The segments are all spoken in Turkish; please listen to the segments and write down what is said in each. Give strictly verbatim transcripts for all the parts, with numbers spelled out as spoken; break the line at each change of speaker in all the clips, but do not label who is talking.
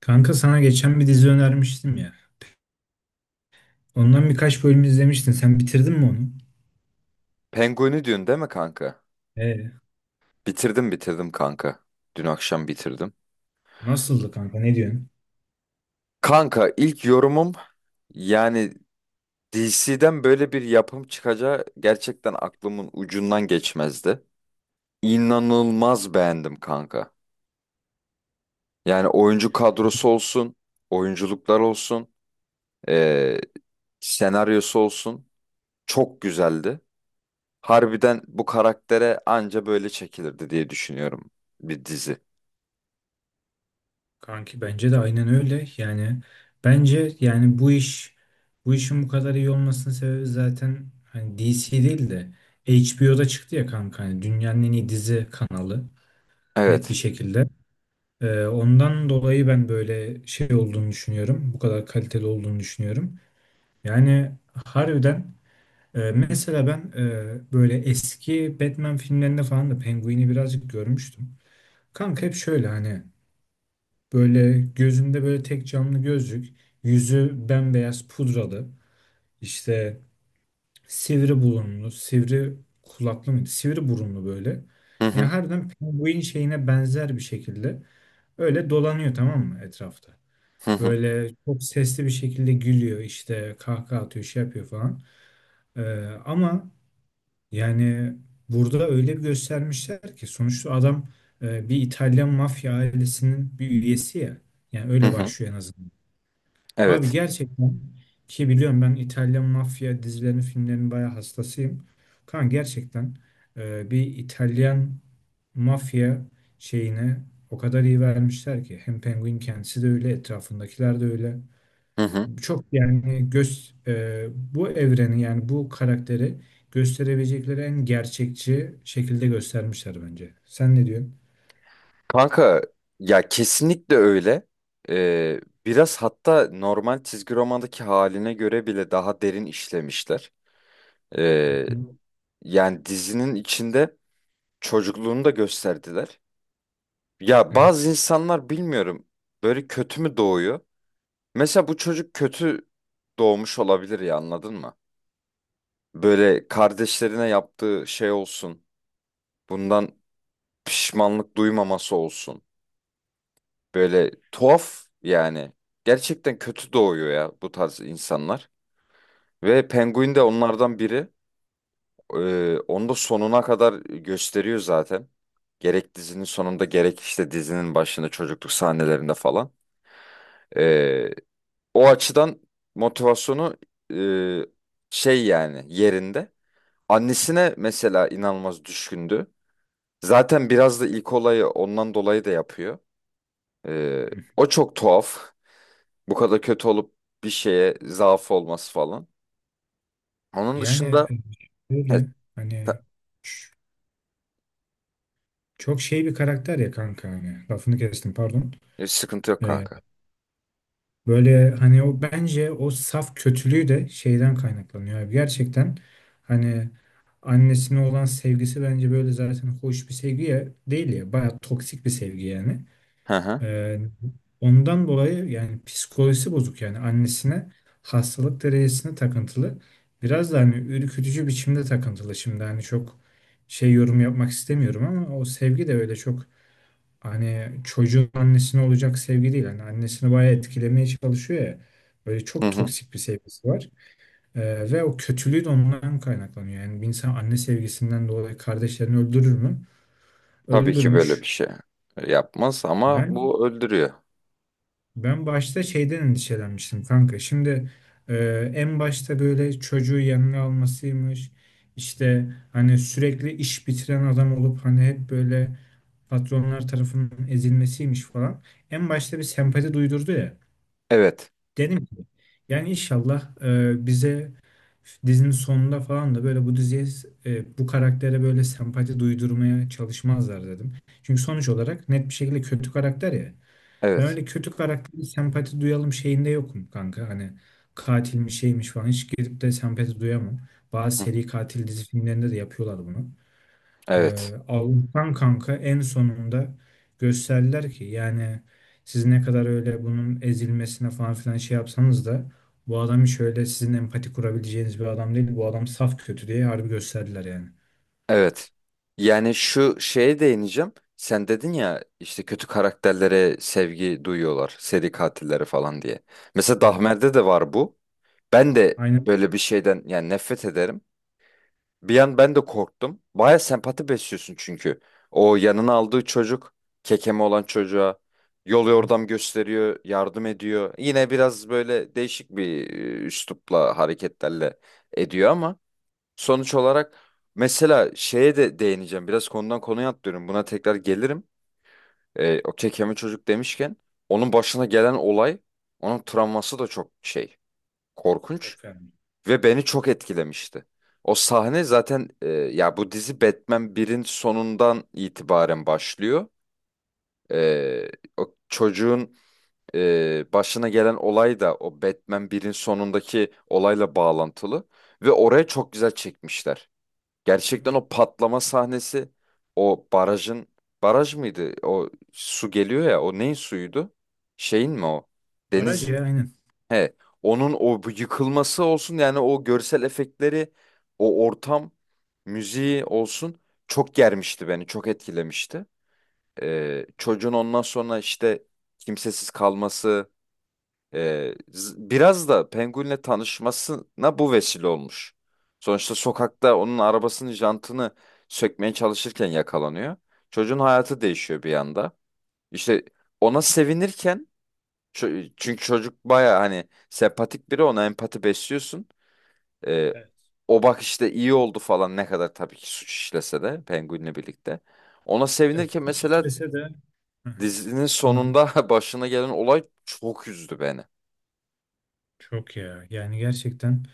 Kanka sana geçen bir dizi önermiştim ya. Ondan birkaç bölüm izlemiştin. Sen bitirdin mi onu?
Penguin'i diyorsun değil mi kanka?
Ee,
Bitirdim bitirdim kanka. Dün akşam bitirdim.
Nasıldı kanka? Ne diyorsun?
Kanka ilk yorumum yani D C'den böyle bir yapım çıkacağı gerçekten aklımın ucundan geçmezdi. İnanılmaz beğendim kanka. Yani oyuncu kadrosu olsun, oyunculuklar olsun, eee, senaryosu olsun çok güzeldi. Harbiden bu karaktere anca böyle çekilirdi diye düşünüyorum bir dizi.
Kanki bence de aynen öyle. Yani bence yani bu iş bu işin bu kadar iyi olmasının sebebi zaten hani D C değil de H B O'da çıktı ya kanka. Hani dünyanın en iyi dizi kanalı net bir
Evet.
şekilde. Ee, ondan dolayı ben böyle şey olduğunu düşünüyorum. Bu kadar kaliteli olduğunu düşünüyorum. Yani harbiden. Ee, mesela ben e, böyle eski Batman filmlerinde falan da Penguin'i birazcık görmüştüm. Kanka hep şöyle hani böyle gözünde böyle tek camlı gözlük, yüzü bembeyaz pudralı, işte sivri burunlu, sivri kulaklı mıydı? Sivri burunlu böyle.
Hı
Yani
hı.
harbiden Penguin şeyine benzer bir şekilde öyle dolanıyor tamam mı etrafta.
Hı hı.
Böyle çok sesli bir şekilde gülüyor işte kahkaha atıyor şey yapıyor falan. Ee, ama Yani burada öyle bir göstermişler ki sonuçta adam e, bir İtalyan mafya ailesinin bir üyesi ya. Yani
Hı
öyle
hı.
başlıyor en azından. Abi
Evet.
gerçekten, ki biliyorum ben İtalyan mafya dizilerini, filmlerini bayağı hastasıyım. Kan gerçekten e, bir İtalyan mafya şeyine o kadar iyi vermişler ki hem Penguin kendisi de öyle, etrafındakiler de öyle.
Hı hı.
Çok yani göz e, bu evreni yani bu karakteri gösterebilecekleri en gerçekçi şekilde göstermişler bence. Sen ne diyorsun?
Kanka ya kesinlikle öyle. Ee, Biraz hatta normal çizgi romandaki haline göre bile daha derin işlemişler. Ee,
Hı hı.
Yani dizinin içinde çocukluğunu da gösterdiler. Ya bazı
Evet.
insanlar bilmiyorum böyle kötü mü doğuyor? Mesela bu çocuk kötü doğmuş olabilir ya anladın mı? Böyle kardeşlerine yaptığı şey olsun. Bundan pişmanlık duymaması olsun. Böyle tuhaf yani. Gerçekten kötü doğuyor ya bu tarz insanlar. Ve Penguin de onlardan biri. Ee, onu da sonuna kadar gösteriyor zaten. Gerek dizinin sonunda gerek işte dizinin başında çocukluk sahnelerinde falan. Ee, O açıdan motivasyonu e, şey yani yerinde. Annesine mesela inanılmaz düşkündü. Zaten biraz da ilk olayı ondan dolayı da yapıyor. Ee, O çok tuhaf. Bu kadar kötü olup bir şeye zaaf olması falan. Onun
Yani
dışında
e, öyle
evet,
hani
ta-
ç- çok şey bir karakter ya kanka, hani lafını kestim pardon.
e, sıkıntı yok
E,
kanka.
Böyle hani o, bence o saf kötülüğü de şeyden kaynaklanıyor abi. Gerçekten hani annesine olan sevgisi bence böyle zaten hoş bir sevgi ya, değil ya, bayağı toksik bir sevgi yani.
Hı hı.
Ee, Ondan dolayı yani psikolojisi bozuk, yani annesine hastalık derecesine takıntılı. Biraz da hani ürkütücü biçimde takıntılı. Şimdi hani çok şey, yorum yapmak istemiyorum ama o sevgi de öyle çok, hani çocuğun annesine olacak sevgi değil. Hani annesini bayağı etkilemeye çalışıyor ya. Böyle
Hı
çok
hı.
toksik bir sevgisi var. Ee, ve o kötülüğü de ondan kaynaklanıyor. Yani bir insan anne sevgisinden dolayı kardeşlerini öldürür mü?
Tabii ki böyle bir
Öldürmüş.
şey yapmaz ama
Ben
bu öldürüyor.
Ben başta şeyden endişelenmiştim kanka. Şimdi e, en başta böyle çocuğu yanına almasıymış. İşte hani sürekli iş bitiren adam olup hani hep böyle patronlar tarafından ezilmesiymiş falan. En başta bir sempati duydurdu ya.
Evet.
Dedim ki yani inşallah e, bize dizinin sonunda falan da böyle bu diziye, e, bu karaktere böyle sempati duydurmaya çalışmazlar dedim. Çünkü sonuç olarak net bir şekilde kötü karakter ya. Ben
Evet.
öyle kötü karakteri sempati duyalım şeyinde yokum kanka. Hani katilmiş şeymiş falan, hiç gidip de sempati duyamam. Bazı
Hı hı.
seri katil dizi filmlerinde de yapıyorlar bunu.
Evet.
Ee, Allah'tan kanka en sonunda gösterdiler ki yani siz ne kadar öyle bunun ezilmesine falan filan şey yapsanız da bu adam hiç öyle sizin empati kurabileceğiniz bir adam değil. Bu adam saf kötü diye harbi gösterdiler yani.
Evet. Yani şu şeye değineceğim. Sen dedin ya işte kötü karakterlere sevgi duyuyorlar. Seri katillere falan diye. Mesela
Evet.
Dahmer'de de var bu. Ben de
Aynen.
böyle bir şeyden yani nefret ederim. Bir an ben de korktum. Baya sempati besliyorsun çünkü. O yanına aldığı çocuk, kekeme olan çocuğa yol yordam gösteriyor, yardım ediyor. Yine biraz böyle değişik bir e, üslupla, hareketlerle ediyor ama sonuç olarak mesela şeye de değineceğim. Biraz konudan konuya atlıyorum. Buna tekrar gelirim. E, o kekeme çocuk demişken onun başına gelen olay, onun travması da çok şey, korkunç.
Çok fena.
Ve beni çok etkilemişti. O sahne zaten e, ya bu dizi Batman birin sonundan itibaren başlıyor. E, O çocuğun e, başına gelen olay da o Batman birin sonundaki olayla bağlantılı. Ve oraya çok güzel çekmişler.
Değil
Gerçekten
mi?
o patlama sahnesi, o barajın, baraj mıydı? O su geliyor ya, o neyin suyuydu? Şeyin mi o?
Baraj
Denizin.
ya aynen.
He, onun o bu yıkılması olsun yani o görsel efektleri, o ortam, müziği olsun çok germişti beni, çok etkilemişti. Ee, çocuğun ondan sonra işte kimsesiz kalması, e, z- biraz da Penguin'le tanışmasına bu vesile olmuş. Sonuçta sokakta onun arabasının jantını sökmeye çalışırken yakalanıyor. Çocuğun hayatı değişiyor bir anda. İşte ona sevinirken Çö- Çünkü çocuk baya hani sempatik biri ona empati besliyorsun. Ee,
Evet.
O bak işte iyi oldu falan ne kadar tabii ki suç işlese de Penguin'le birlikte. Ona
Evet.
sevinirken
Suç
mesela
işlese de. Hı
dizinin
hı.
sonunda başına gelen olay çok üzdü beni.
Çok ya. Yani gerçekten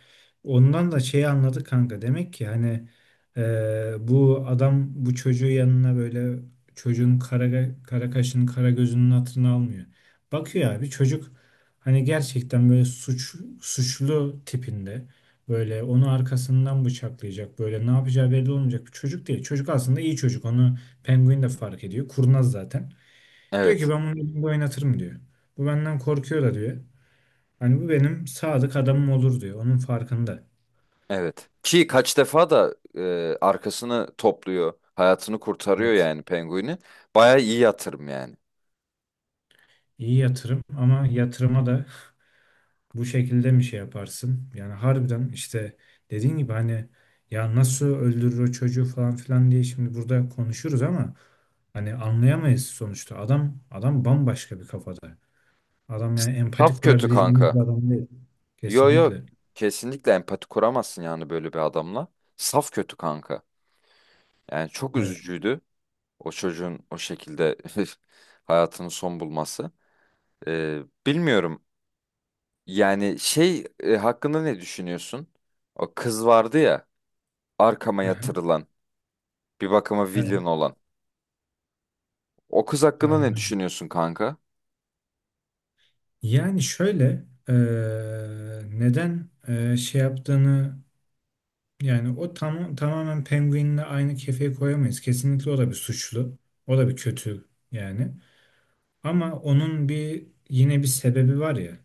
ondan da şeyi anladık kanka. Demek ki hani e, bu adam bu çocuğu yanına böyle çocuğun kara, kara kaşının kara gözünün hatırını almıyor. Bakıyor abi çocuk hani gerçekten böyle suç, suçlu tipinde böyle onu arkasından bıçaklayacak, böyle ne yapacağı belli olmayacak bir çocuk değil. Çocuk aslında iyi çocuk. Onu penguin de fark ediyor. Kurnaz zaten. Diyor ki
Evet,
ben bunu elimde oynatırım diyor. Bu benden korkuyor da diyor. Hani bu benim sadık adamım olur diyor. Onun farkında.
evet. Ki kaç defa da e, arkasını topluyor, hayatını kurtarıyor
Evet.
yani Penguin'i. Baya iyi yatırım yani.
İyi yatırım ama yatırıma da bu şekilde mi şey yaparsın? Yani harbiden işte dediğin gibi hani ya nasıl öldürür o çocuğu falan filan diye şimdi burada konuşuruz ama hani anlayamayız sonuçta. Adam adam bambaşka bir kafada. Adam yani empati
Saf kötü
kurabileceğimiz
kanka.
bir adam değil.
Yo yo,
Kesinlikle.
kesinlikle empati kuramazsın yani böyle bir adamla. Saf kötü kanka. Yani çok
Evet.
üzücüydü o çocuğun o şekilde hayatının son bulması. Ee, bilmiyorum yani şey e, hakkında ne düşünüyorsun? O kız vardı ya arkama
Aha.
yatırılan bir bakıma villain
Evet.
olan. O kız hakkında
Aynen
ne
öyle.
düşünüyorsun kanka?
Yani şöyle eee, neden eee, şey yaptığını. Yani o tam, tamamen Penguin'le aynı kefeye koyamayız. Kesinlikle o da bir suçlu. O da bir kötü yani. Ama onun bir, yine bir sebebi var ya.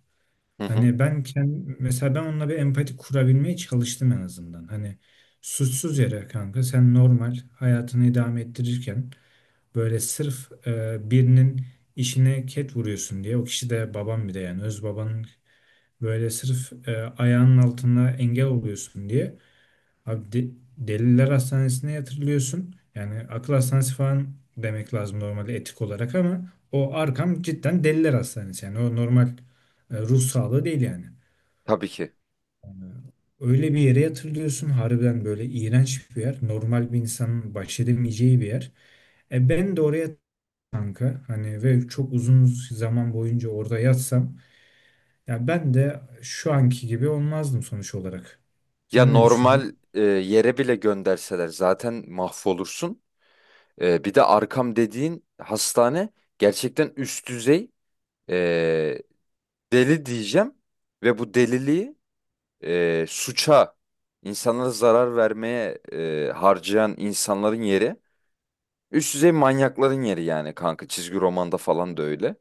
Hı hı.
Hani ben kendim, mesela ben onunla bir empati kurabilmeye çalıştım en azından. Hani suçsuz yere kanka sen normal hayatını idame ettirirken böyle sırf e, birinin işine ket vuruyorsun diye, o kişi de babam, bir de yani öz babanın böyle sırf e, ayağının altına engel oluyorsun diye Abi de- Deliler Hastanesi'ne yatırılıyorsun. Yani akıl hastanesi falan demek lazım normalde etik olarak, ama o arkam cidden Deliler Hastanesi. Yani o normal e, ruh sağlığı değil yani.
Tabii ki.
E, Öyle bir yere yatırılıyorsun. Harbiden böyle iğrenç bir yer. Normal bir insanın baş edemeyeceği bir yer. E ben de oraya kanka hani, ve çok uzun zaman boyunca orada yatsam ya ben de şu anki gibi olmazdım sonuç olarak.
Ya
Sen ne düşünüyorsun?
normal e, yere bile gönderseler zaten mahvolursun. E, bir de arkam dediğin hastane gerçekten üst düzey e, deli diyeceğim. Ve bu deliliği e, suça, insanlara zarar vermeye e, harcayan insanların yeri üst düzey manyakların yeri yani kanka. Çizgi romanda falan da öyle.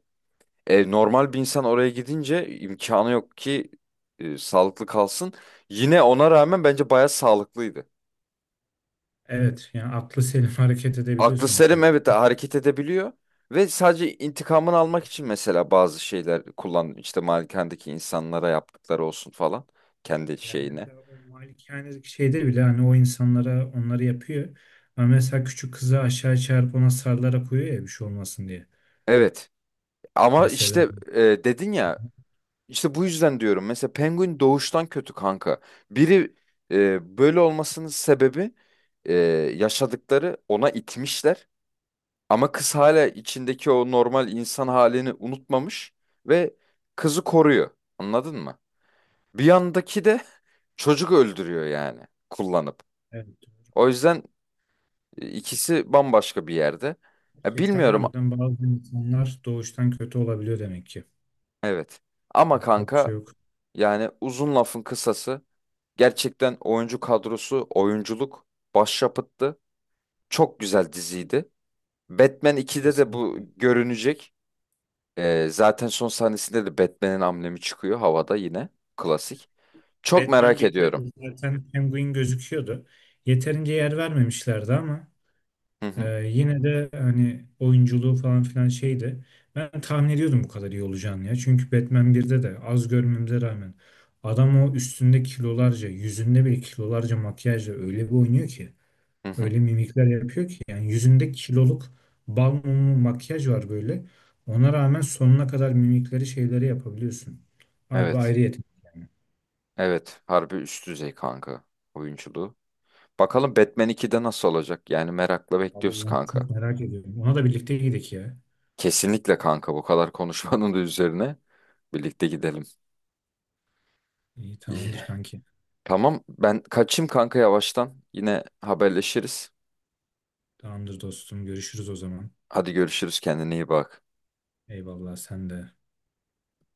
E, normal bir insan oraya gidince imkanı yok ki e, sağlıklı kalsın. Yine ona rağmen bence bayağı sağlıklıydı.
Evet yani aklı selim hareket edebiliyor
Aklı
sonuç
selim
olarak.
evet hareket edebiliyor. Ve sadece intikamını almak için mesela bazı şeyler kullan işte malikendeki insanlara yaptıkları olsun falan kendi
Yani
şeyine.
mesela o malikanedeki şeyde bile hani o insanlara onları yapıyor. Ama mesela küçük kızı aşağı çağırıp ona sarılarak koyuyor ya bir şey olmasın diye.
Evet ama
Mesela
işte e, dedin ya İşte bu yüzden diyorum. Mesela Penguin doğuştan kötü kanka. Biri e, böyle olmasının sebebi e, yaşadıkları ona itmişler. Ama kız hala içindeki o normal insan halini unutmamış ve kızı koruyor. Anladın mı? Bir yandaki de çocuk öldürüyor yani kullanıp.
evet,
O yüzden e, ikisi bambaşka bir yerde. Ya
gerçekten
bilmiyorum,
harbiden bazı insanlar doğuştan kötü olabiliyor demek ki.
evet. Ama
Yapacak bir şey
kanka
yok.
yani uzun lafın kısası, gerçekten oyuncu kadrosu, oyunculuk başyapıttı. Çok güzel diziydi. Batman ikide de bu
Kesinlikle.
görünecek. Ee, zaten son sahnesinde de Batman'in amblemi çıkıyor havada yine. Klasik. Çok
Batman
merak
birde
ediyorum.
de zaten Penguin gözüküyordu. Yeterince yer vermemişlerdi ama
Hı hı,
Ee, yine de hani oyunculuğu falan filan şeydi. Ben tahmin ediyordum bu kadar iyi olacağını ya. Çünkü Batman birde de az görmemize rağmen adam o üstünde kilolarca, yüzünde bile kilolarca makyajla öyle bir oynuyor ki.
hı hı.
Öyle mimikler yapıyor ki. Yani yüzünde kiloluk bal mumu makyaj var böyle. Ona rağmen sonuna kadar mimikleri şeyleri yapabiliyorsun. Harbi
Evet.
ayrı yetenek.
Evet. Harbi üst düzey kanka oyunculuğu. Bakalım Batman ikide nasıl olacak? Yani merakla bekliyoruz
Vallahi
kanka.
çok merak ediyorum. Ona da birlikte gidelim ya.
Kesinlikle kanka, bu kadar konuşmanın da üzerine birlikte gidelim.
İyi,
İyi.
tamamdır kanki.
Tamam ben kaçayım kanka yavaştan. Yine haberleşiriz.
Tamamdır dostum. Görüşürüz o zaman.
Hadi görüşürüz, kendine iyi bak.
Eyvallah, sen de.